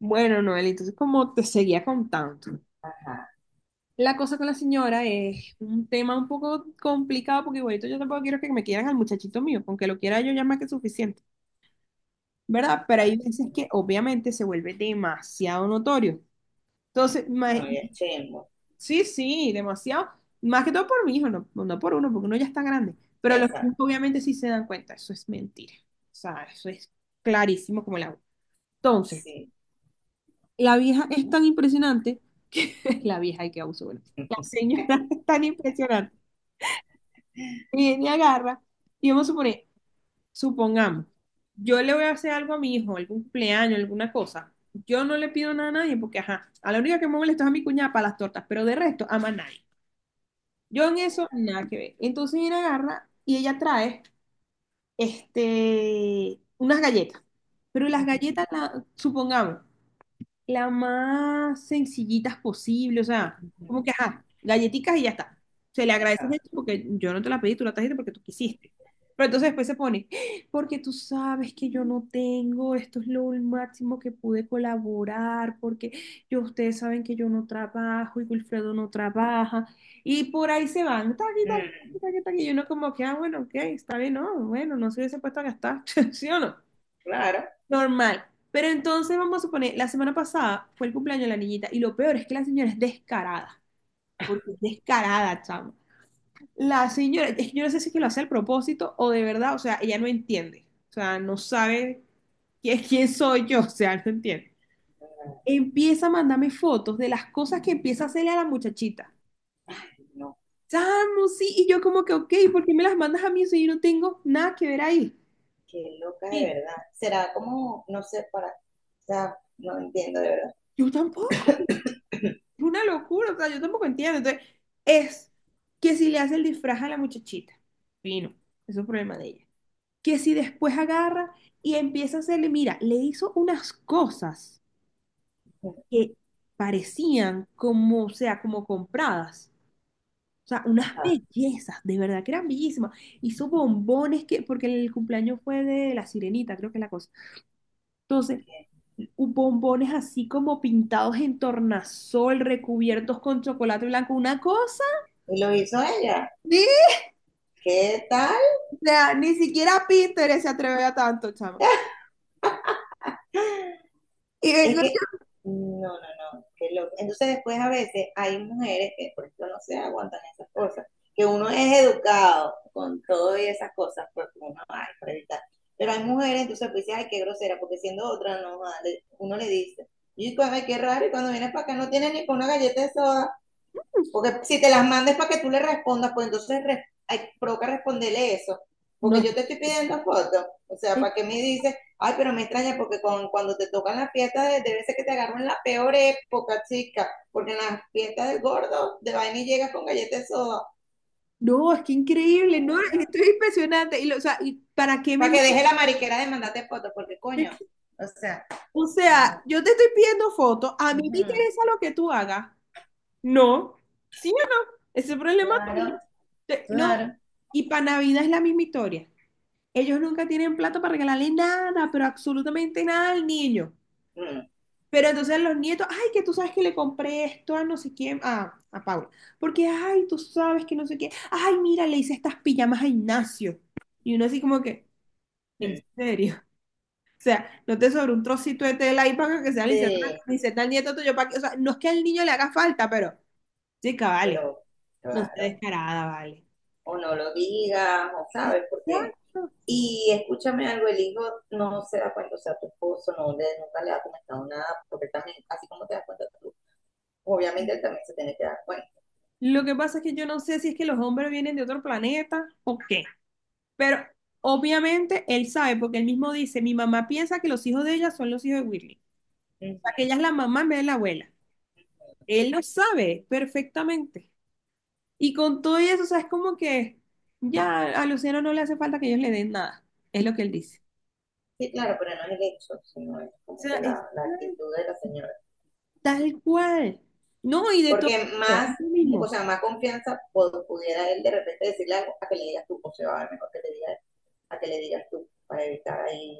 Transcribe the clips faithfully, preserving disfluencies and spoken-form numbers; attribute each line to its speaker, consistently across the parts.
Speaker 1: Bueno, Noel, entonces como te seguía contando,
Speaker 2: Ajá,
Speaker 1: la cosa con la señora es un tema un poco complicado porque igualito yo tampoco quiero que me quieran al muchachito mío, aunque lo quiera yo ya más que suficiente, ¿verdad? Pero hay
Speaker 2: exacto.
Speaker 1: veces que obviamente se vuelve demasiado notorio. Entonces, ma-
Speaker 2: No, y es chimbo.
Speaker 1: sí, sí, demasiado, más que todo por mi hijo, no, no por uno, porque uno ya está grande, pero los niños
Speaker 2: Exacto,
Speaker 1: obviamente sí se dan cuenta, eso es mentira, o sea, eso es clarísimo como el agua. Entonces,
Speaker 2: sí.
Speaker 1: la vieja es tan impresionante. La vieja y que abuso, bueno. La señora es tan impresionante. Viene y agarra. Y vamos a suponer, supongamos, yo le voy a hacer algo a mi hijo, algún cumpleaños, alguna cosa. Yo no le pido nada a nadie porque, ajá, a la única que me molesta es a mi cuñada para las tortas, pero de resto, ama a nadie. Yo en eso, nada que ver. Entonces viene, agarra y ella trae, este, unas galletas. Pero las
Speaker 2: Ujú,
Speaker 1: galletas, la- supongamos, la más sencillitas posible, o sea, como
Speaker 2: ujú.
Speaker 1: que, ajá, galletitas y ya está. Se le agradece
Speaker 2: Ajá.
Speaker 1: mucho porque yo no te la pedí, tú la trajiste porque tú quisiste. Pero entonces después se pone, porque tú sabes que yo no tengo, esto es lo máximo que pude colaborar, porque yo, ustedes saben que yo no trabajo y Wilfredo no trabaja, y por ahí se van, taqui, taqui,
Speaker 2: Mm,
Speaker 1: taqui, taqui, taqui, y uno como que, ah, bueno, ok, está bien, no, bueno, no se hubiese puesto a gastar, ¿sí o no?
Speaker 2: claro.
Speaker 1: Normal. Pero entonces vamos a suponer, la semana pasada fue el cumpleaños de la niñita y lo peor es que la señora es descarada, porque es descarada, chamo. La señora, es que yo no sé si es que lo hace al propósito o de verdad, o sea, ella no entiende, o sea, no sabe quién, quién soy yo, o sea, no entiende. Empieza a mandarme fotos de las cosas que empieza a hacerle a la muchachita.
Speaker 2: Ay, no,
Speaker 1: Chamo, sí, y yo como que, ok, ¿por qué me las mandas a mí si yo no tengo nada que ver ahí?
Speaker 2: qué loca
Speaker 1: Mira,
Speaker 2: de verdad. Será como, no sé, para, o sea, no entiendo de verdad.
Speaker 1: yo tampoco. Es una locura, o sea, yo tampoco entiendo. Entonces, es que si le hace el disfraz a la muchachita, fino, eso es problema de ella. Que si después agarra y empieza a hacerle, mira, le hizo unas cosas que parecían como, o sea, como compradas. O sea, unas
Speaker 2: Ajá.
Speaker 1: bellezas, de verdad que eran bellísimas. Hizo bombones que, porque el cumpleaños fue de la sirenita, creo que es la cosa. Entonces, u- bombones así como pintados en tornasol, recubiertos con chocolate blanco, una cosa.
Speaker 2: ¿Y lo hizo ella? ¿Qué tal?
Speaker 1: O sea, ni siquiera Pinterest se atreve a tanto, chama. Y
Speaker 2: Es
Speaker 1: vengo,
Speaker 2: que, no, no, no, qué loco. Entonces después a veces hay mujeres que, por ejemplo, no se aguantan esas cosas, que uno es educado con todo y esas cosas, porque uno, ay, para evitar. Pero hay mujeres, entonces pues dices, ay, qué grosera, porque siendo otra, no, vale. Uno le dice, y cuando, ay, qué raro, y cuando vienes para acá no tienes ni con una galleta de soda. Porque si te las mandes para que tú le respondas, pues entonces re- hay- provoca responderle eso.
Speaker 1: No,
Speaker 2: Porque yo
Speaker 1: es
Speaker 2: te estoy pidiendo fotos. O sea,
Speaker 1: eh,
Speaker 2: para que me dices, ay, pero me extraña porque con, cuando te tocan las fiestas, debe ser que te agarran la peor época, chica. Porque en las fiestas del gordo, de vaina y llegas con galletas de soda.
Speaker 1: no, es que increíble, no, esto es impresionante. Y, lo- o sea, ¿y para qué me
Speaker 2: Para que
Speaker 1: mandas?
Speaker 2: deje la mariquera de mandarte fotos, porque coño. O sea,
Speaker 1: O sea,
Speaker 2: no.
Speaker 1: yo te estoy pidiendo fotos, a mí
Speaker 2: Ujú.
Speaker 1: me interesa lo que tú hagas. No, sí, ajá, ese problema tuyo.
Speaker 2: Claro,
Speaker 1: Te- No,
Speaker 2: claro.
Speaker 1: y para Navidad es la misma historia. Ellos nunca tienen plato para regalarle nada, pero absolutamente nada al niño.
Speaker 2: Mm,
Speaker 1: Pero entonces los nietos, ay, que tú sabes que le compré esto a no sé quién, a, a Paula, porque, ay, tú sabes que no sé qué, ay, mira, le hice estas pijamas a Ignacio. Y uno así como que, ¿en
Speaker 2: mm.
Speaker 1: serio? O sea, no te sobró un trocito de tela ahí para que sea le hicieron una
Speaker 2: Sí,
Speaker 1: camiseta al nieto tuyo, para que, o sea, no es que al niño le haga falta, pero, chica, vale,
Speaker 2: pero
Speaker 1: no sé,
Speaker 2: claro.
Speaker 1: descarada, vale.
Speaker 2: O no lo digas, o sabes, porque…
Speaker 1: Exacto.
Speaker 2: Y escúchame algo, el hijo no se da cuenta, o sea, tu esposo no le, nunca le ha comentado nada, porque él también, así como te das cuenta tú, obviamente él también se tiene que dar cuenta.
Speaker 1: Lo que pasa es que yo no sé si es que los hombres vienen de otro planeta o qué. Pero obviamente él sabe, porque él mismo dice, mi mamá piensa que los hijos de ella son los hijos de Whitney. O sea, que
Speaker 2: Ujú.
Speaker 1: ella es la mamá en vez de la abuela. Él lo sabe perfectamente. Y con todo eso, o sea, es como que ya a Luciano no le hace falta que ellos le den nada. Es lo que él dice.
Speaker 2: Sí, claro, pero no es el hecho, sino es
Speaker 1: O
Speaker 2: como que
Speaker 1: sea, es
Speaker 2: la, la actitud de la señora.
Speaker 1: tal cual. No, y de todo
Speaker 2: Porque
Speaker 1: esto, es
Speaker 2: más,
Speaker 1: lo
Speaker 2: o
Speaker 1: mismo.
Speaker 2: sea, más confianza pod- pudiera él de repente decirle algo a que le digas tú, o sea, va a mejor que le digas, a que le digas tú, para evitar ahí,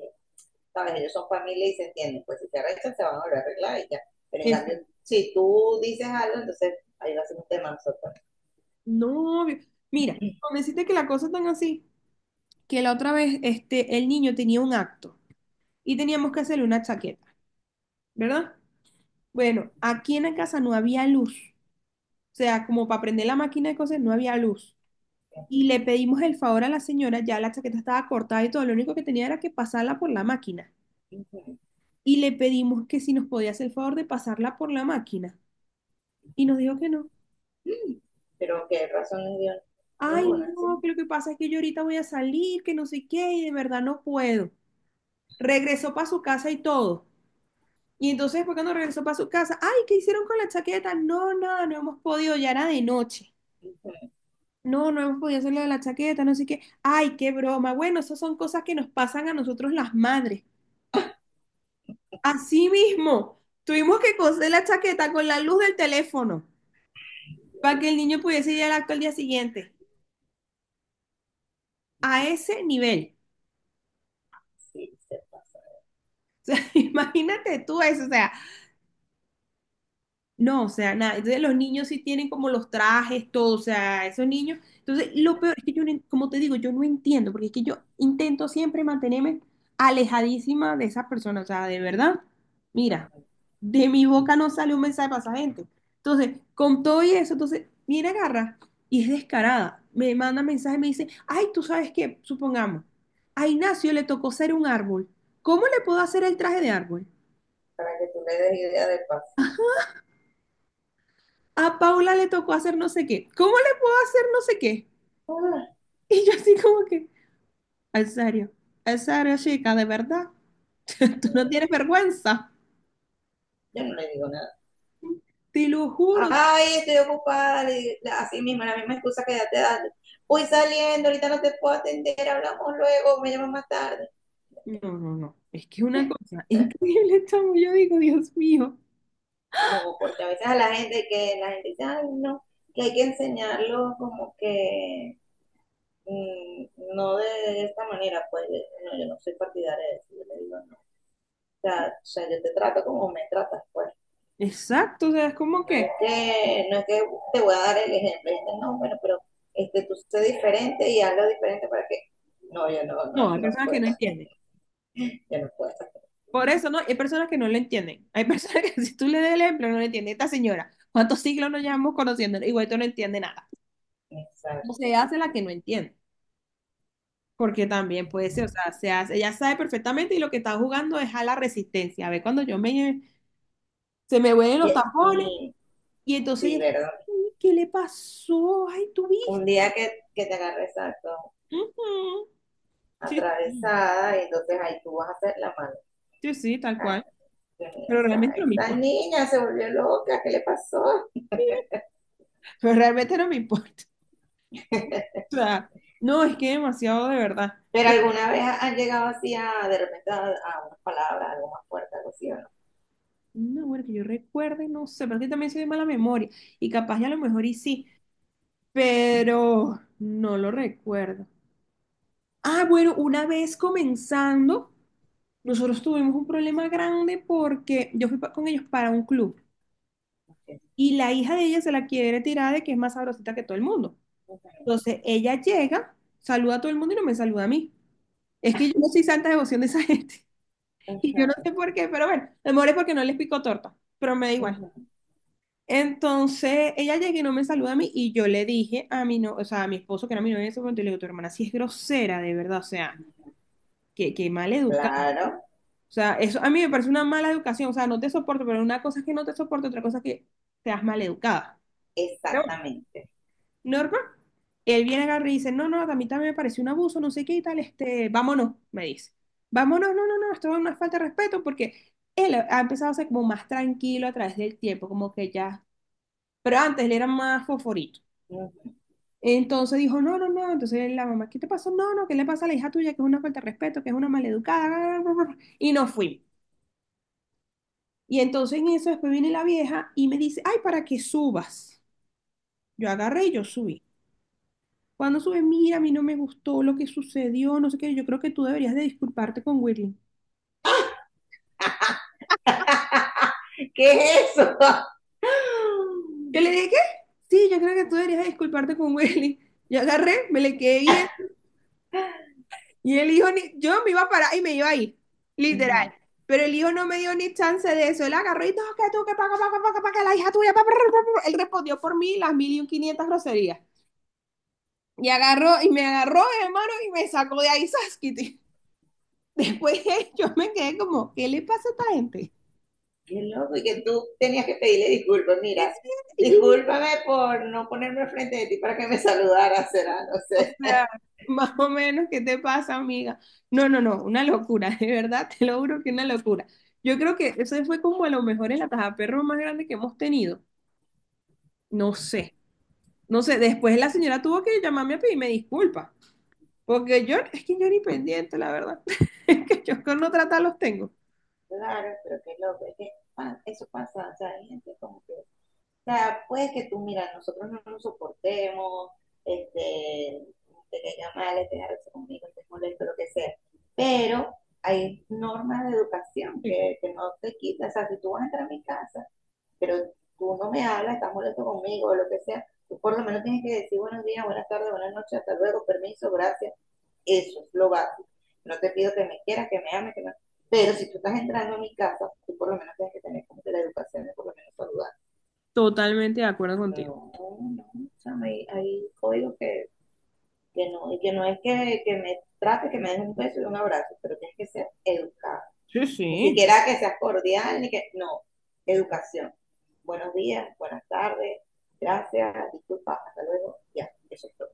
Speaker 2: sabes, ellos son familia y se entienden, pues si se arreglan se van a volver a arreglar y ya. Pero en
Speaker 1: Eso.
Speaker 2: cambio, si tú dices algo, entonces ahí va a ser un tema, nosotros…
Speaker 1: No, obvio. Mira,
Speaker 2: Este,
Speaker 1: con decirte que la cosa es tan así, que la otra vez este, el niño tenía un acto y teníamos que hacerle una chaqueta, ¿verdad? Bueno, aquí en la casa no había luz. O sea, como para prender la máquina de coser, no había luz. Y le pedimos el favor a la señora, ya la chaqueta estaba cortada y todo, lo único que tenía era que pasarla por la máquina.
Speaker 2: ujú.
Speaker 1: Y le pedimos que si nos podía hacer el favor de pasarla por la máquina. Y nos dijo que no.
Speaker 2: Mm. Pero qué razones dio,
Speaker 1: Ay,
Speaker 2: ninguna,
Speaker 1: no,
Speaker 2: ¿sí?
Speaker 1: que lo que pasa es que yo ahorita voy a salir, que no sé qué, y de verdad no puedo. Regresó para su casa y todo. Y entonces, fue no regresó para su casa, ay, ¿qué hicieron con la chaqueta? No, nada, no hemos podido, ya era de noche.
Speaker 2: Ujú.
Speaker 1: No, no hemos podido hacer lo de la chaqueta, no sé qué. Ay, qué broma. Bueno, esas son cosas que nos pasan a nosotros las madres. Así mismo, tuvimos que coser la chaqueta con la luz del teléfono para que el niño pudiese ir al acto al día siguiente. A ese nivel.
Speaker 2: Sí, se pasa.
Speaker 1: Imagínate tú eso, o sea, no, o sea, nada. Entonces los niños sí tienen como los trajes, todo, o sea, esos niños. Entonces, lo peor es que yo, no en- como te digo, yo no entiendo, porque es que yo intento siempre mantenerme alejadísima de esas personas, o sea, de verdad. Mira, de mi boca no sale un mensaje para esa gente. Entonces, con todo y eso, entonces, viene, agarra y es descarada. Me manda mensaje, me dice, ay, tú sabes qué, supongamos, a Ignacio le tocó ser un árbol. ¿Cómo le puedo hacer el traje de árbol?
Speaker 2: Para que tú le des idea de paso.
Speaker 1: A Paula le tocó hacer no sé qué. ¿Cómo le puedo hacer no sé qué?
Speaker 2: Ah,
Speaker 1: Y yo así como que, ¿en serio, ¿en serio, chica, de verdad? Tú no tienes vergüenza,
Speaker 2: yo no le digo nada.
Speaker 1: te lo juro.
Speaker 2: Ay, estoy ocupada. Le digo- la- así mismo, la misma excusa que ya te das. Voy saliendo, ahorita no te puedo atender, hablamos luego, me llamas más tarde.
Speaker 1: No, no, no. Es que es una cosa increíble, chamo. Yo digo, Dios mío.
Speaker 2: No, porque a veces a la gente que la gente dice, ay, no, que hay que enseñarlo como que mm, no de esta manera, pues de- no, yo no soy partidaria de eso, yo le digo, sea, o sea, yo te trato como me tratas, pues.
Speaker 1: Exacto, o sea, es como
Speaker 2: No es
Speaker 1: que,
Speaker 2: que, no es que te voy a dar el ejemplo, este, no, bueno, pero este, tú sé diferente y hazlo diferente para que, no, yo no, no,
Speaker 1: no, hay
Speaker 2: no
Speaker 1: personas que
Speaker 2: puedo,
Speaker 1: no entienden.
Speaker 2: yo no puedo.
Speaker 1: Por eso no, hay personas que no lo entienden. Hay personas que si tú le das el ejemplo no lo entienden. Esta señora, ¿cuántos siglos nos llevamos conociendo? Igual tú no entiende nada. O se
Speaker 2: Exacto.
Speaker 1: hace la que no entiende. Porque también puede ser, o sea, se hace- ella sabe perfectamente y lo que está jugando es a la resistencia. A ver, cuando yo me, se me vuelven
Speaker 2: Y,
Speaker 1: los tapones
Speaker 2: y
Speaker 1: y entonces
Speaker 2: sí,
Speaker 1: ella,
Speaker 2: ¿verdad?
Speaker 1: "Ay, ¿qué le pasó? Ay, tú
Speaker 2: Un
Speaker 1: viste."
Speaker 2: día que, que te agarre exacto,
Speaker 1: Ujú. Sí,
Speaker 2: atravesada, y entonces ahí tú vas a hacer la mano.
Speaker 1: sí, sí, tal
Speaker 2: Ah,
Speaker 1: cual.
Speaker 2: que mira,
Speaker 1: Pero
Speaker 2: esta,
Speaker 1: realmente no me
Speaker 2: esta
Speaker 1: importa.
Speaker 2: niña se volvió loca, ¿qué le pasó?
Speaker 1: Pero realmente no me importa. O sea, no, es que demasiado de verdad.
Speaker 2: Pero alguna vez han llegado así a, de repente, a, a unas palabras, algo más fuerte, algo así, ¿o no?
Speaker 1: No, bueno, que yo recuerde, no sé, pero es que también soy de mala memoria. Y capaz ya a lo mejor y sí, pero no lo recuerdo. Ah, bueno, una vez comenzando. Nosotros tuvimos un problema grande porque yo fui pa- con ellos para un club y la hija de ella se la quiere tirar de que es más sabrosita que todo el mundo. Entonces ella llega, saluda a todo el mundo y no me saluda a mí. Es que yo no soy santa devoción de esa gente y yo no
Speaker 2: Ajá,
Speaker 1: sé por qué, pero bueno, a lo mejor es porque no les pico torta, pero me da igual.
Speaker 2: ajá.
Speaker 1: Entonces ella llega y no me saluda a mí y yo le dije a mi no, o sea, a mi esposo que era mi novio en ese momento, y le digo, tu hermana sí es grosera, de verdad, o sea, que, que mal educada.
Speaker 2: Claro,
Speaker 1: O sea, eso a mí me parece una mala educación. O sea, no te soporto, pero una cosa es que no te soporto, otra cosa es que seas mal educada. Pero bueno,
Speaker 2: exactamente.
Speaker 1: Norma, él viene agarra y dice, no, no, a mí también me pareció un abuso, no sé qué y tal, este, vámonos, me dice. Vámonos, no, no, no, esto es una falta de respeto porque él ha empezado a ser como más tranquilo a través del tiempo, como que ya, pero antes le era más fosforito.
Speaker 2: Ajá.
Speaker 1: Entonces dijo, no, no, no, entonces la mamá, ¿qué te pasó? No, no, ¿qué le pasa a la hija tuya? Que es una falta de respeto, que es una maleducada, y nos fuimos. Y entonces en eso después viene la vieja y me dice, ay, para que subas. Yo agarré y yo subí. Cuando sube, mira, a mí no me gustó lo que sucedió, no sé qué, yo creo que tú deberías de disculparte con Willy.
Speaker 2: ¿Qué es eso?
Speaker 1: Yo le dije, ¿qué? Sí, yo creo que tú deberías de disculparte con Willy. Yo agarré, me le quedé bien y el hijo, ni- yo me iba a parar y me iba a ir, literal. Pero el hijo no me dio ni chance de eso. Él agarró y todo, que tú, que paga, paga, paga, paga, la hija tuya, pa, pa, pa, pa, pa". Él respondió por mí las mil y un quinientas groserías. Y agarró, y me agarró de mano y me sacó de ahí Saskity. Después yo me quedé como, ¿qué le pasa a esta gente?
Speaker 2: Qué loco, y que tú tenías que pedirle disculpas. Mira,
Speaker 1: Y yo,
Speaker 2: discúlpame por no ponerme frente de ti para que me saludaras, será, no
Speaker 1: o
Speaker 2: sé.
Speaker 1: sea, más o menos, ¿qué te pasa, amiga? No, no, no, una locura, de verdad, te lo juro que una locura. Yo creo que ese fue como a lo mejor el perro más grande que hemos tenido. No sé, no sé, después la señora tuvo que llamarme a pedirme disculpas, porque yo, es que yo ni pendiente, la verdad, es que yo con no tratar los tengo.
Speaker 2: Claro, pero qué loco, es que pa- eso pasa, o sea, hay gente como que… O sea, puede que tú, mira, nosotros no nos soportemos, este, te caiga mal, te agarres conmigo, te molesto, lo que sea, pero hay normas de educación
Speaker 1: Sí,
Speaker 2: que, que no te quitan, o sea, si tú vas a entrar a mi casa, pero tú no me hablas, estás molesto conmigo, o lo que sea, tú por lo menos tienes que decir buenos días, buenas tardes, buenas noches, hasta luego, permiso, gracias, eso es lo básico. No te pido que me quieras, que me ames, que me... Pero si tú estás entrando a mi casa, tú por lo menos tienes que tener como que la educación de por lo menos saludar,
Speaker 1: totalmente de acuerdo contigo.
Speaker 2: no, no, o sea, hay, hay códigos que, que no, que no es que, que me trate, que me des un beso y un abrazo, pero tienes que ser educado.
Speaker 1: Sí,
Speaker 2: Ni
Speaker 1: sí.
Speaker 2: siquiera que seas cordial, ni que, no, educación. Buenos días, buenas tardes, gracias, disculpa, hasta luego, ya, eso es todo.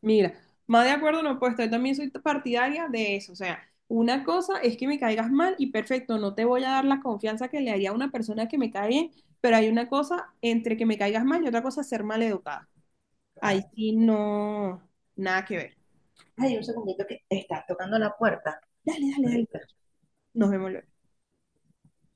Speaker 1: Mira, más de acuerdo no he puesto, yo también soy partidaria de eso, o sea, una cosa es que me caigas mal y perfecto, no te voy a dar la confianza que le haría a una persona que me cae bien, pero hay una cosa entre que me caigas mal y otra cosa ser mal educada. Ahí
Speaker 2: Claro.
Speaker 1: sí no, nada que ver.
Speaker 2: Ay, un segundito que está tocando la puerta
Speaker 1: Dale, dale, dale.
Speaker 2: ahorita.
Speaker 1: Nos vemos luego.